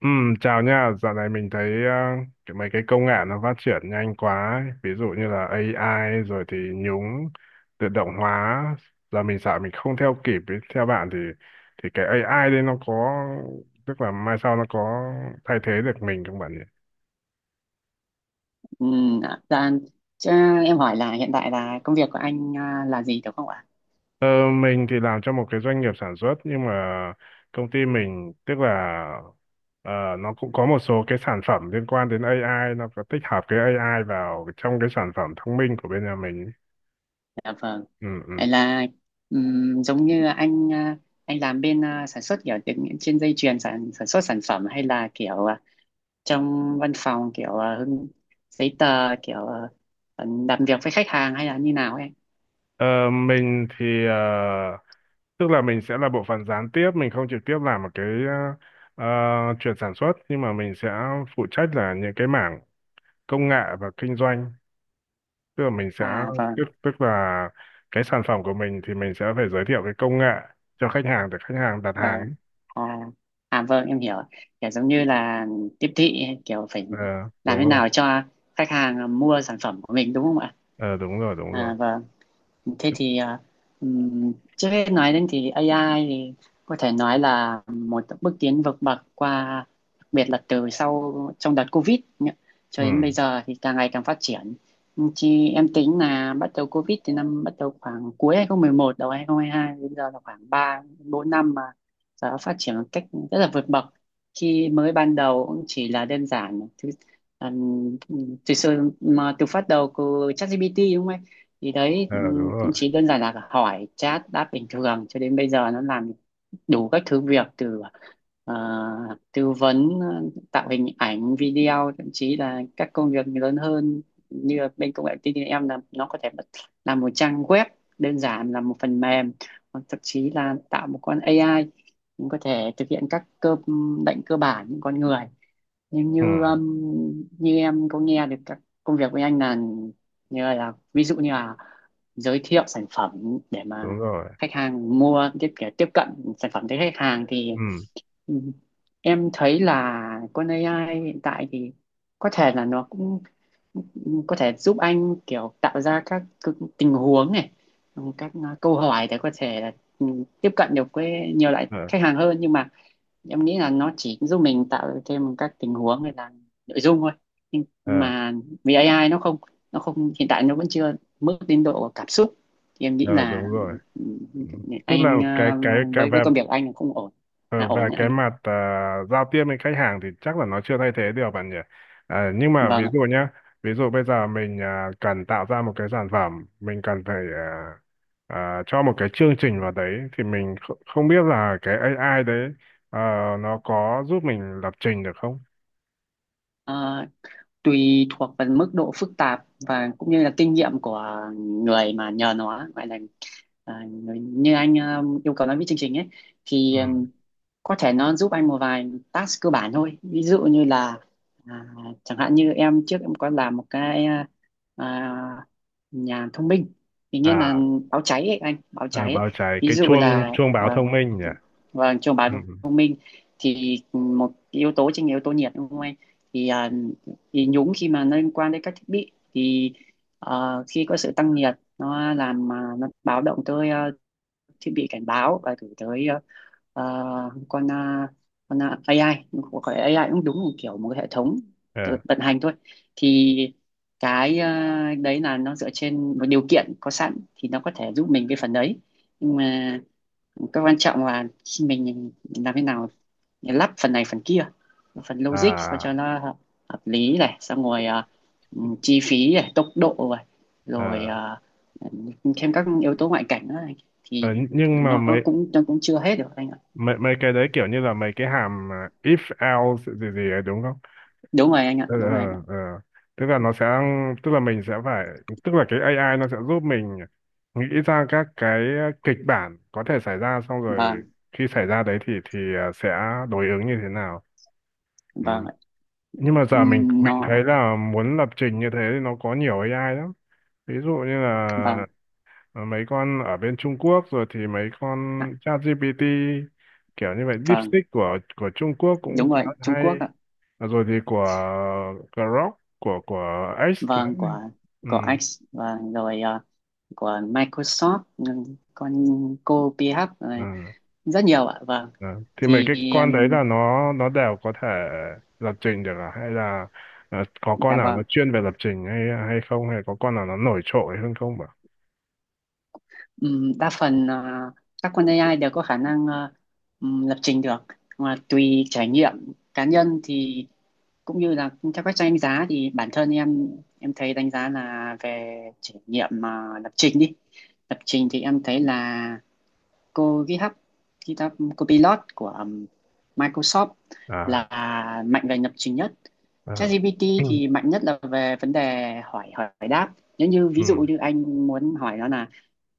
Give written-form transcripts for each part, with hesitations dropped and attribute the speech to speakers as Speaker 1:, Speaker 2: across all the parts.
Speaker 1: Ừ, chào nha, dạo này mình thấy cái mấy cái công nghệ nó phát triển nhanh quá ấy. Ví dụ như là AI rồi thì nhúng tự động hóa giờ mình sợ mình không theo kịp ấy. Theo bạn thì cái AI đấy nó có tức là mai sau nó có thay thế được mình không bạn nhỉ?
Speaker 2: Ừ, dạ, dạ, chứ em hỏi là hiện tại là công việc của anh à, là gì đúng không ạ?
Speaker 1: Ờ, mình thì làm cho một cái doanh nghiệp sản xuất nhưng mà công ty mình tức là ờ, nó cũng có một số cái sản phẩm liên quan đến AI, nó có tích hợp cái AI vào trong cái sản phẩm thông minh của bên nhà mình.
Speaker 2: Dạ vâng.
Speaker 1: Ừ,
Speaker 2: Vậy
Speaker 1: ừ.
Speaker 2: là giống như anh à, anh làm bên à, sản xuất kiểu trên dây chuyền sản sản xuất sản phẩm hay là kiểu à, trong văn phòng kiểu à, giấy tờ kiểu à, làm việc với khách hàng hay là như nào em?
Speaker 1: Ờ, mình thì tức là mình sẽ là bộ phận gián tiếp, mình không trực tiếp làm một cái chuyện sản xuất nhưng mà mình sẽ phụ trách là những cái mảng công nghệ và kinh doanh. Tức là mình sẽ
Speaker 2: À
Speaker 1: tức
Speaker 2: vâng,
Speaker 1: tức là cái sản phẩm của mình thì mình sẽ phải giới thiệu cái công nghệ cho khách hàng để khách hàng đặt hàng ấy.
Speaker 2: vâng. À, à vâng em hiểu. Kiểu giống như là tiếp thị kiểu phải
Speaker 1: Ờ,
Speaker 2: làm
Speaker 1: đúng
Speaker 2: thế
Speaker 1: rồi.
Speaker 2: nào cho khách hàng mua sản phẩm của mình, đúng không ạ?
Speaker 1: Ờ, đúng rồi, đúng rồi.
Speaker 2: À và thế thì à, trước hết nói đến thì AI thì có thể nói là một bước tiến vượt bậc qua, đặc biệt là từ sau trong đợt Covid nhá. Cho đến
Speaker 1: Ừ,
Speaker 2: bây giờ thì càng ngày càng phát triển. Chị em tính là bắt đầu Covid thì năm bắt đầu khoảng cuối 2011, đầu 2022, đến giờ là khoảng 3-4 năm mà giờ nó phát triển một cách rất là vượt bậc. Khi mới ban đầu cũng chỉ là đơn giản thứ Um, từ sự mà từ phát đầu của ChatGPT, đúng không thì đấy,
Speaker 1: ờ, đúng rồi.
Speaker 2: chỉ đơn giản là hỏi chat đáp bình thường, cho đến bây giờ nó làm đủ các thứ việc từ ờ, tư vấn tạo hình ảnh video, thậm chí là các công việc lớn hơn như là bên công nghệ thông tin em là nó có thể làm một trang web đơn giản, là một phần mềm, hoặc thậm chí là tạo một con AI cũng có thể thực hiện các cơ lệnh cơ bản những con người, nhưng
Speaker 1: Ừ,
Speaker 2: như như em có nghe được các công việc của anh là như là ví dụ như là giới thiệu sản phẩm để mà
Speaker 1: đúng rồi.
Speaker 2: khách hàng mua, tiếp để tiếp cận sản phẩm tới khách hàng thì,
Speaker 1: Ừ,
Speaker 2: ừ, em thấy là con AI hiện tại thì có thể là nó cũng có thể giúp anh kiểu tạo ra các cái tình huống này, các à, câu hỏi để có thể là ừ, tiếp cận được với nhiều loại
Speaker 1: ờ,
Speaker 2: khách hàng hơn, nhưng mà em nghĩ là nó chỉ giúp mình tạo thêm các tình huống hay là nội dung thôi, nhưng
Speaker 1: ờ,
Speaker 2: mà vì AI nó không hiện tại nó vẫn chưa mức đến độ cảm xúc thì em nghĩ
Speaker 1: ờ,
Speaker 2: là
Speaker 1: đúng rồi.
Speaker 2: ừ,
Speaker 1: Tức là
Speaker 2: anh
Speaker 1: cái
Speaker 2: ờ,
Speaker 1: cái cái
Speaker 2: với
Speaker 1: về
Speaker 2: công việc của anh là không ổn, là
Speaker 1: Ờ,
Speaker 2: ổn
Speaker 1: về
Speaker 2: đấy
Speaker 1: cái
Speaker 2: anh ạ.
Speaker 1: mặt giao tiếp với khách hàng thì chắc là nó chưa thay thế được bạn nhỉ. À, nhưng mà ví
Speaker 2: Vâng ạ.
Speaker 1: dụ nhá, ví dụ bây giờ mình cần tạo ra một cái sản phẩm, mình cần phải cho một cái chương trình vào đấy thì mình không biết là cái AI đấy ờ, nó có giúp mình lập trình được không?
Speaker 2: Ờ, tùy thuộc vào mức độ phức tạp và cũng như là kinh nghiệm của người mà nhờ nó gọi là à, người, như anh ờ, yêu cầu nó viết chương trình ấy
Speaker 1: Ừ.
Speaker 2: thì có thể nó giúp anh một vài task cơ bản thôi, ví dụ như là à, chẳng hạn như em trước em có làm một cái à, à, nhà thông minh thì nghĩa là
Speaker 1: À,
Speaker 2: báo cháy ấy anh, báo
Speaker 1: ờ,
Speaker 2: cháy ấy.
Speaker 1: báo cháy
Speaker 2: Ví
Speaker 1: cái
Speaker 2: dụ
Speaker 1: chuông
Speaker 2: là
Speaker 1: chuông báo
Speaker 2: à,
Speaker 1: thông minh nhỉ.
Speaker 2: và trong
Speaker 1: Ừ,
Speaker 2: báo
Speaker 1: ừ.
Speaker 2: thông minh thì một yếu tố chính là yếu tố nhiệt, đúng không anh? Thì à, thì nhúng khi mà nó liên quan đến các thiết bị thì khi có sự tăng nhiệt nó làm mà nó báo động tới ờ, thiết bị cảnh báo và gửi tới ờ, ờ, con ờ, AI. Không phải AI cũng đúng, một kiểu một cái hệ thống tự
Speaker 1: Ờ,
Speaker 2: vận hành thôi thì cái ờ, đấy là nó dựa trên một điều kiện có sẵn thì nó có thể giúp mình cái phần đấy, nhưng mà cái quan trọng là khi mình làm thế nào lắp phần này phần kia, phần logic sao cho
Speaker 1: À,
Speaker 2: nó hợp, lý này xong rồi à, chi phí này tốc độ này rồi
Speaker 1: ờ,
Speaker 2: à, thêm các yếu tố ngoại cảnh này,
Speaker 1: ờ,
Speaker 2: thì
Speaker 1: nhưng mà
Speaker 2: nó
Speaker 1: mấy
Speaker 2: cũng chưa hết được anh ạ.
Speaker 1: mấy mấy cái đấy kiểu như là mấy cái hàm if else gì gì ấy đúng không?
Speaker 2: Đúng rồi anh ạ,
Speaker 1: ờ
Speaker 2: đúng rồi anh ạ.
Speaker 1: ờ ờ. Tức là nó sẽ tức là mình sẽ phải tức là cái AI nó sẽ giúp mình nghĩ ra các cái kịch bản có thể xảy ra, xong rồi
Speaker 2: Vâng
Speaker 1: khi xảy ra đấy thì sẽ đối ứng như thế nào. Ừ.
Speaker 2: vâng ạ.
Speaker 1: Nhưng mà giờ mình mình
Speaker 2: Nó
Speaker 1: thấy là muốn lập trình như thế thì nó có nhiều AI lắm, ví dụ như
Speaker 2: vâng
Speaker 1: là, ờ, mấy con ở bên Trung Quốc rồi thì mấy
Speaker 2: ạ,
Speaker 1: con ChatGPT, kiểu như vậy.
Speaker 2: vâng,
Speaker 1: DeepSeek của Trung Quốc cũng
Speaker 2: đúng
Speaker 1: khá
Speaker 2: rồi
Speaker 1: là
Speaker 2: Trung
Speaker 1: hay.
Speaker 2: Quốc ạ,
Speaker 1: Ờ, rồi thì của Grok của X
Speaker 2: vâng
Speaker 1: nữa. ừ,
Speaker 2: của X, vâng rồi à, của Microsoft, con cô PH này,
Speaker 1: ừ,
Speaker 2: rất nhiều ạ, vâng
Speaker 1: ừ. Thì mấy
Speaker 2: thì
Speaker 1: cái con đấy là nó đều có thể lập trình được à? Hay là, ờ, có con
Speaker 2: dạ
Speaker 1: nào
Speaker 2: vâng.
Speaker 1: nó chuyên về lập trình hay hay không, hay có con nào nó nổi trội hơn không ạ?
Speaker 2: Đa phần ờ, các con AI đều có khả năng lập trình được, mà tùy trải nghiệm cá nhân thì cũng như là theo các trang đánh giá thì bản thân em thấy đánh giá là về trải nghiệm mà lập trình thì em thấy là cô GitHub, GitHub Copilot của Microsoft là
Speaker 1: À,
Speaker 2: mạnh về lập trình nhất.
Speaker 1: à.
Speaker 2: ChatGPT thì mạnh nhất là về vấn đề hỏi hỏi đáp, nếu như
Speaker 1: ừ
Speaker 2: ví dụ
Speaker 1: ừ
Speaker 2: như anh muốn hỏi nó là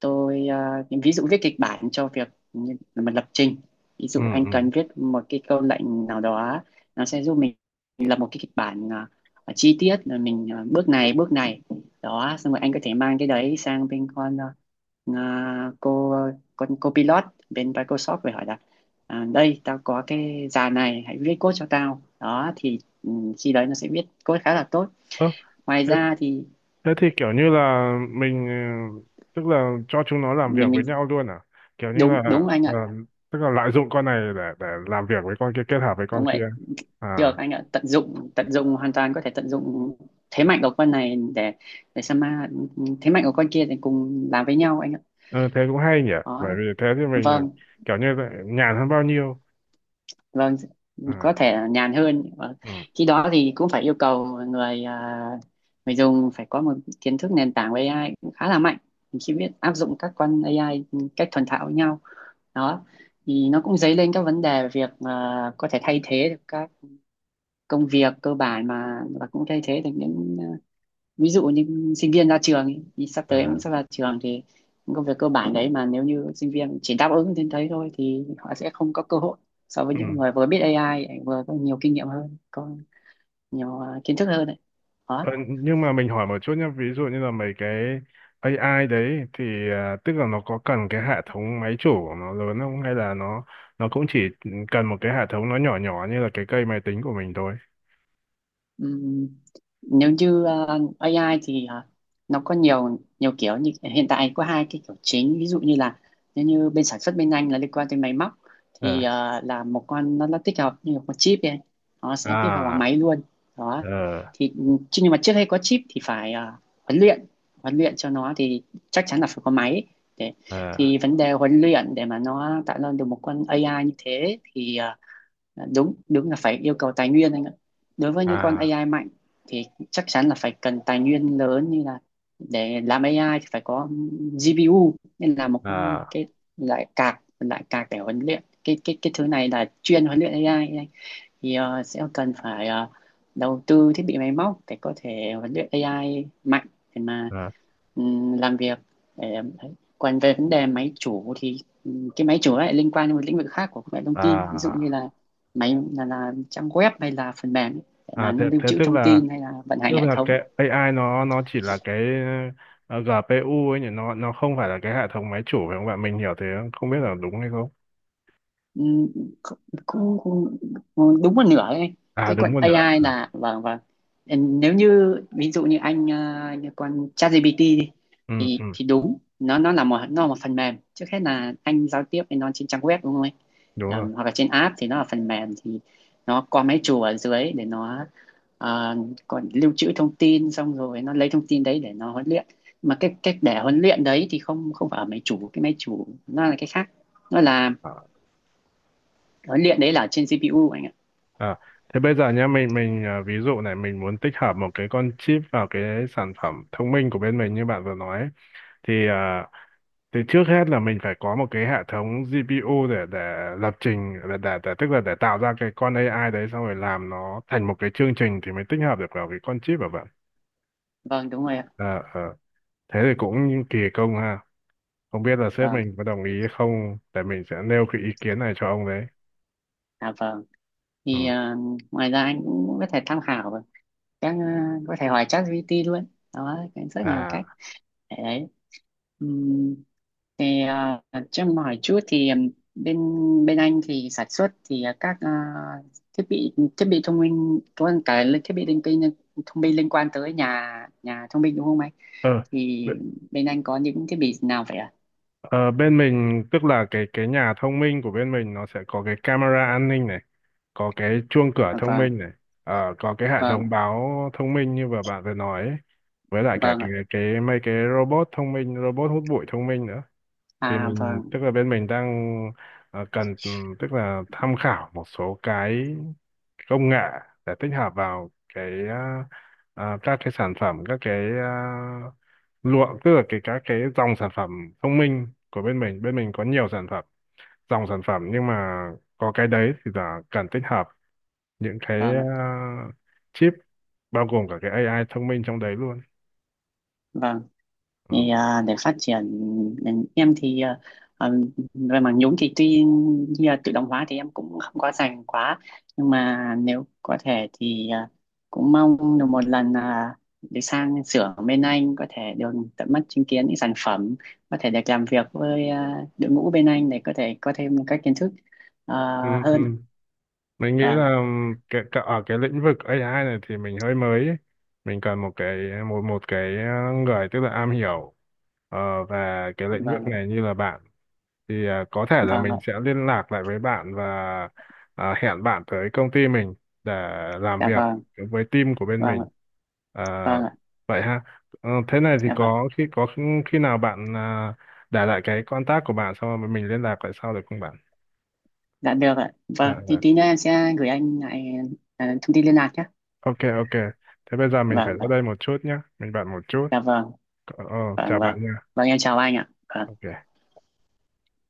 Speaker 2: tôi à, ví dụ viết kịch bản cho việc như mình lập trình, ví
Speaker 1: ừ
Speaker 2: dụ anh
Speaker 1: ừ.
Speaker 2: cần viết một cái câu lệnh nào đó nó sẽ giúp mình lập một cái kịch bản à, à, chi tiết là mình à, bước này bước này, đó xong rồi anh có thể mang cái đấy sang bên con à, cô con cô pilot bên Microsoft về hỏi là à, đây tao có cái dàn này hãy viết code cho tao, đó thì khi đấy nó sẽ viết code khá là tốt.
Speaker 1: Ơ,
Speaker 2: Ngoài
Speaker 1: thế
Speaker 2: ra thì
Speaker 1: Thế thì kiểu như là mình, ờ, tức là cho chúng nó làm việc
Speaker 2: mình
Speaker 1: với
Speaker 2: mình
Speaker 1: nhau luôn à? Kiểu như
Speaker 2: đúng
Speaker 1: là,
Speaker 2: đúng anh
Speaker 1: ờ,
Speaker 2: ạ,
Speaker 1: tức là lợi dụng con này để làm việc với con kia, kết hợp với con
Speaker 2: đúng vậy.
Speaker 1: kia.
Speaker 2: Được
Speaker 1: À,
Speaker 2: anh ạ, tận dụng hoàn toàn có thể tận dụng thế mạnh của con này để Sama thế mạnh của con kia thì cùng làm với nhau anh ạ.
Speaker 1: ừ, thế cũng hay nhỉ.
Speaker 2: Đó.
Speaker 1: Bởi vì thế thì mình
Speaker 2: Vâng,
Speaker 1: kiểu như là nhàn hơn bao nhiêu.
Speaker 2: vâng,
Speaker 1: À,
Speaker 2: có thể là nhàn hơn. Vâng.
Speaker 1: ừ,
Speaker 2: Khi đó thì cũng phải yêu cầu người à, người dùng phải có một kiến thức nền tảng về AI cũng khá là mạnh. Mình chỉ biết áp dụng các con AI cách thuần thạo với nhau. Đó. Thì nó cũng dấy lên các vấn đề về việc à, có thể thay thế được các công việc cơ bản mà và cũng thay thế được những à, ví dụ như sinh viên ra trường ý, thì sắp tới em cũng
Speaker 1: à,
Speaker 2: sắp ra trường thì những công việc cơ bản đấy mà nếu như sinh viên chỉ đáp ứng đến đấy thôi thì họ sẽ không có cơ hội so với
Speaker 1: ừ.
Speaker 2: những người vừa biết AI vừa có nhiều kinh nghiệm hơn, có nhiều à, kiến thức hơn đấy. Đó.
Speaker 1: Ờ, nhưng mà mình hỏi một chút nhé, ví dụ như là mấy cái AI đấy thì, ờ, tức là nó có cần cái hệ thống máy chủ của nó lớn không, hay là nó cũng chỉ cần một cái hệ thống nó nhỏ nhỏ như là cái cây máy tính của mình thôi?
Speaker 2: Ừm, nếu như ờ, AI thì nó có nhiều nhiều kiểu như hiện tại có hai cái kiểu chính, ví dụ như là nếu như bên sản xuất bên anh là liên quan tới máy móc thì
Speaker 1: Ờ
Speaker 2: là một con nó tích hợp như một con chip ấy, nó sẽ tích hợp vào
Speaker 1: à
Speaker 2: máy luôn. Đó
Speaker 1: ờ
Speaker 2: thì chứ nhưng mà trước hay có chip thì phải huấn luyện huấn luyện cho nó thì chắc chắn là phải có máy để
Speaker 1: ờ
Speaker 2: thì vấn đề huấn luyện để mà nó tạo ra được một con AI như thế thì đúng đúng là phải yêu cầu tài nguyên anh ạ. Đối với những con
Speaker 1: à
Speaker 2: AI mạnh thì chắc chắn là phải cần tài nguyên lớn, như là để làm AI thì phải có GPU nên là một
Speaker 1: à
Speaker 2: cái loại card để huấn luyện cái thứ này là chuyên huấn luyện AI ấy. Thì sẽ cần phải ờ, đầu tư thiết bị máy móc để có thể huấn luyện AI mạnh để mà
Speaker 1: à
Speaker 2: làm việc để em thấy, còn về vấn đề máy chủ thì cái máy chủ lại liên quan đến một lĩnh vực khác của công nghệ thông tin, ví dụ như
Speaker 1: à
Speaker 2: là máy là trang web hay là phần mềm ấy, để
Speaker 1: à
Speaker 2: mà nó
Speaker 1: thế
Speaker 2: lưu
Speaker 1: thế
Speaker 2: trữ thông tin hay là vận hành
Speaker 1: tức
Speaker 2: hệ
Speaker 1: là
Speaker 2: thống.
Speaker 1: cái AI nó chỉ là cái, ờ, GPU ấy nhỉ, nó không phải là cái hệ thống máy chủ phải không bạn? Mình hiểu thế không biết là đúng hay không.
Speaker 2: Ừ, cũng, cũng, đúng một nửa đấy,
Speaker 1: À,
Speaker 2: cái
Speaker 1: đúng
Speaker 2: quận
Speaker 1: một nửa.
Speaker 2: AI là, vâng vâng, nếu như ví dụ như anh ờ, như con ChatGPT đi,
Speaker 1: Ừ, ừ,
Speaker 2: thì đúng, nó là một, nó là một phần mềm, trước hết là anh giao tiếp với nó trên trang web, đúng không anh? Ờ,
Speaker 1: đúng
Speaker 2: hoặc là trên app thì nó là phần mềm thì nó có máy chủ ở dưới để nó ờ, còn lưu trữ thông tin xong rồi nó lấy thông tin đấy để nó huấn luyện, mà cái cách để huấn luyện đấy thì không không phải ở máy chủ, cái máy chủ nó là cái khác, nó là
Speaker 1: rồi.
Speaker 2: huấn luyện đấy là trên CPU anh ạ.
Speaker 1: À, thế bây giờ nhá, mình ví dụ này mình muốn tích hợp một cái con chip vào cái sản phẩm thông minh của bên mình như bạn vừa nói ấy. Thì thì trước hết là mình phải có một cái hệ thống GPU để lập trình để tức là để tạo ra cái con AI đấy xong rồi làm nó thành một cái chương trình thì mới tích hợp được vào cái con chip của bạn.
Speaker 2: Vâng đúng rồi ạ,
Speaker 1: À, thế thì cũng kỳ công ha, không biết là sếp
Speaker 2: vâng,
Speaker 1: mình có đồng ý hay không, để mình sẽ nêu cái ý kiến này cho ông đấy.
Speaker 2: à vâng
Speaker 1: Ừ.
Speaker 2: thì ngoài ra anh cũng có thể tham khảo vào các ờ, có thể hỏi ChatGPT luôn, đó cái rất nhiều
Speaker 1: À,
Speaker 2: cách để đấy. Ừm, thì ờ, cho em hỏi chút thì bên bên anh thì sản xuất thì ờ, các ờ, thiết bị thông minh có cả thiết bị linh tinh thông minh liên quan tới nhà, nhà thông minh, đúng không anh?
Speaker 1: ờ,
Speaker 2: Thì bên anh có những thiết bị nào vậy ạ?
Speaker 1: Ờ, bên mình tức là cái nhà thông minh của bên mình nó sẽ có cái camera an ninh này, có cái chuông cửa
Speaker 2: À,
Speaker 1: thông
Speaker 2: vâng
Speaker 1: minh này, ờ, có cái hệ thống
Speaker 2: vâng
Speaker 1: báo thông minh như vừa bạn vừa nói ấy, với lại cả
Speaker 2: vâng ạ,
Speaker 1: cái mấy cái robot thông minh, robot hút bụi thông minh nữa. Thì
Speaker 2: à
Speaker 1: mình
Speaker 2: vâng,
Speaker 1: tức là bên mình đang, ờ, cần, tức là tham khảo một số cái công nghệ để tích hợp vào cái các cái sản phẩm, các cái lụa tức là cái các cái dòng sản phẩm thông minh của bên mình, bên mình có nhiều sản phẩm, dòng sản phẩm nhưng mà có cái đấy thì là cần tích hợp những cái
Speaker 2: vâng ạ,
Speaker 1: chip bao gồm cả cái AI thông minh trong đấy luôn.
Speaker 2: vâng
Speaker 1: Ừ.
Speaker 2: thì à, để phát triển ngành em thì à, à, về mảng nhúng thì tuy như là tự động hóa thì em cũng không có dành quá, nhưng mà nếu có thể thì à, cũng mong được một lần à, được sang xưởng bên anh có thể được tận mắt chứng kiến những sản phẩm, có thể được làm việc với à, đội ngũ bên anh để có thể có thêm các kiến thức à,
Speaker 1: Ừ, ừ.
Speaker 2: hơn.
Speaker 1: Mình nghĩ
Speaker 2: À,
Speaker 1: là ở cái lĩnh vực A I này thì mình hơi mới ấy. Mình cần một cái một một cái người tức là am hiểu, ờ, về cái lĩnh
Speaker 2: vâng
Speaker 1: vực
Speaker 2: ạ,
Speaker 1: này như là bạn, thì có thể là
Speaker 2: vâng ạ,
Speaker 1: mình sẽ liên lạc lại với bạn và hẹn bạn tới công ty mình để làm
Speaker 2: dạ
Speaker 1: việc
Speaker 2: vâng,
Speaker 1: với team của bên
Speaker 2: vâng ạ,
Speaker 1: mình. À,
Speaker 2: vâng ạ,
Speaker 1: vậy ha. Ờ, thế này thì
Speaker 2: dạ vâng.
Speaker 1: có khi nào bạn để lại cái contact của bạn xong rồi mình liên lạc lại sau được không bạn?
Speaker 2: Dạ được ạ,
Speaker 1: Dạ,
Speaker 2: vâng thì
Speaker 1: dạ.
Speaker 2: tí nữa em sẽ gửi anh lại à, thông tin liên lạc nhé.
Speaker 1: Ok, ok. Thế bây giờ mình phải
Speaker 2: Vâng
Speaker 1: ra
Speaker 2: vâng,
Speaker 1: đây một chút nhé, mình bạn một chút.
Speaker 2: dạ vâng,
Speaker 1: Ờ, ờ,
Speaker 2: vâng
Speaker 1: chào
Speaker 2: vâng,
Speaker 1: bạn nha.
Speaker 2: vâng em chào anh ạ. Vâng.
Speaker 1: Ok.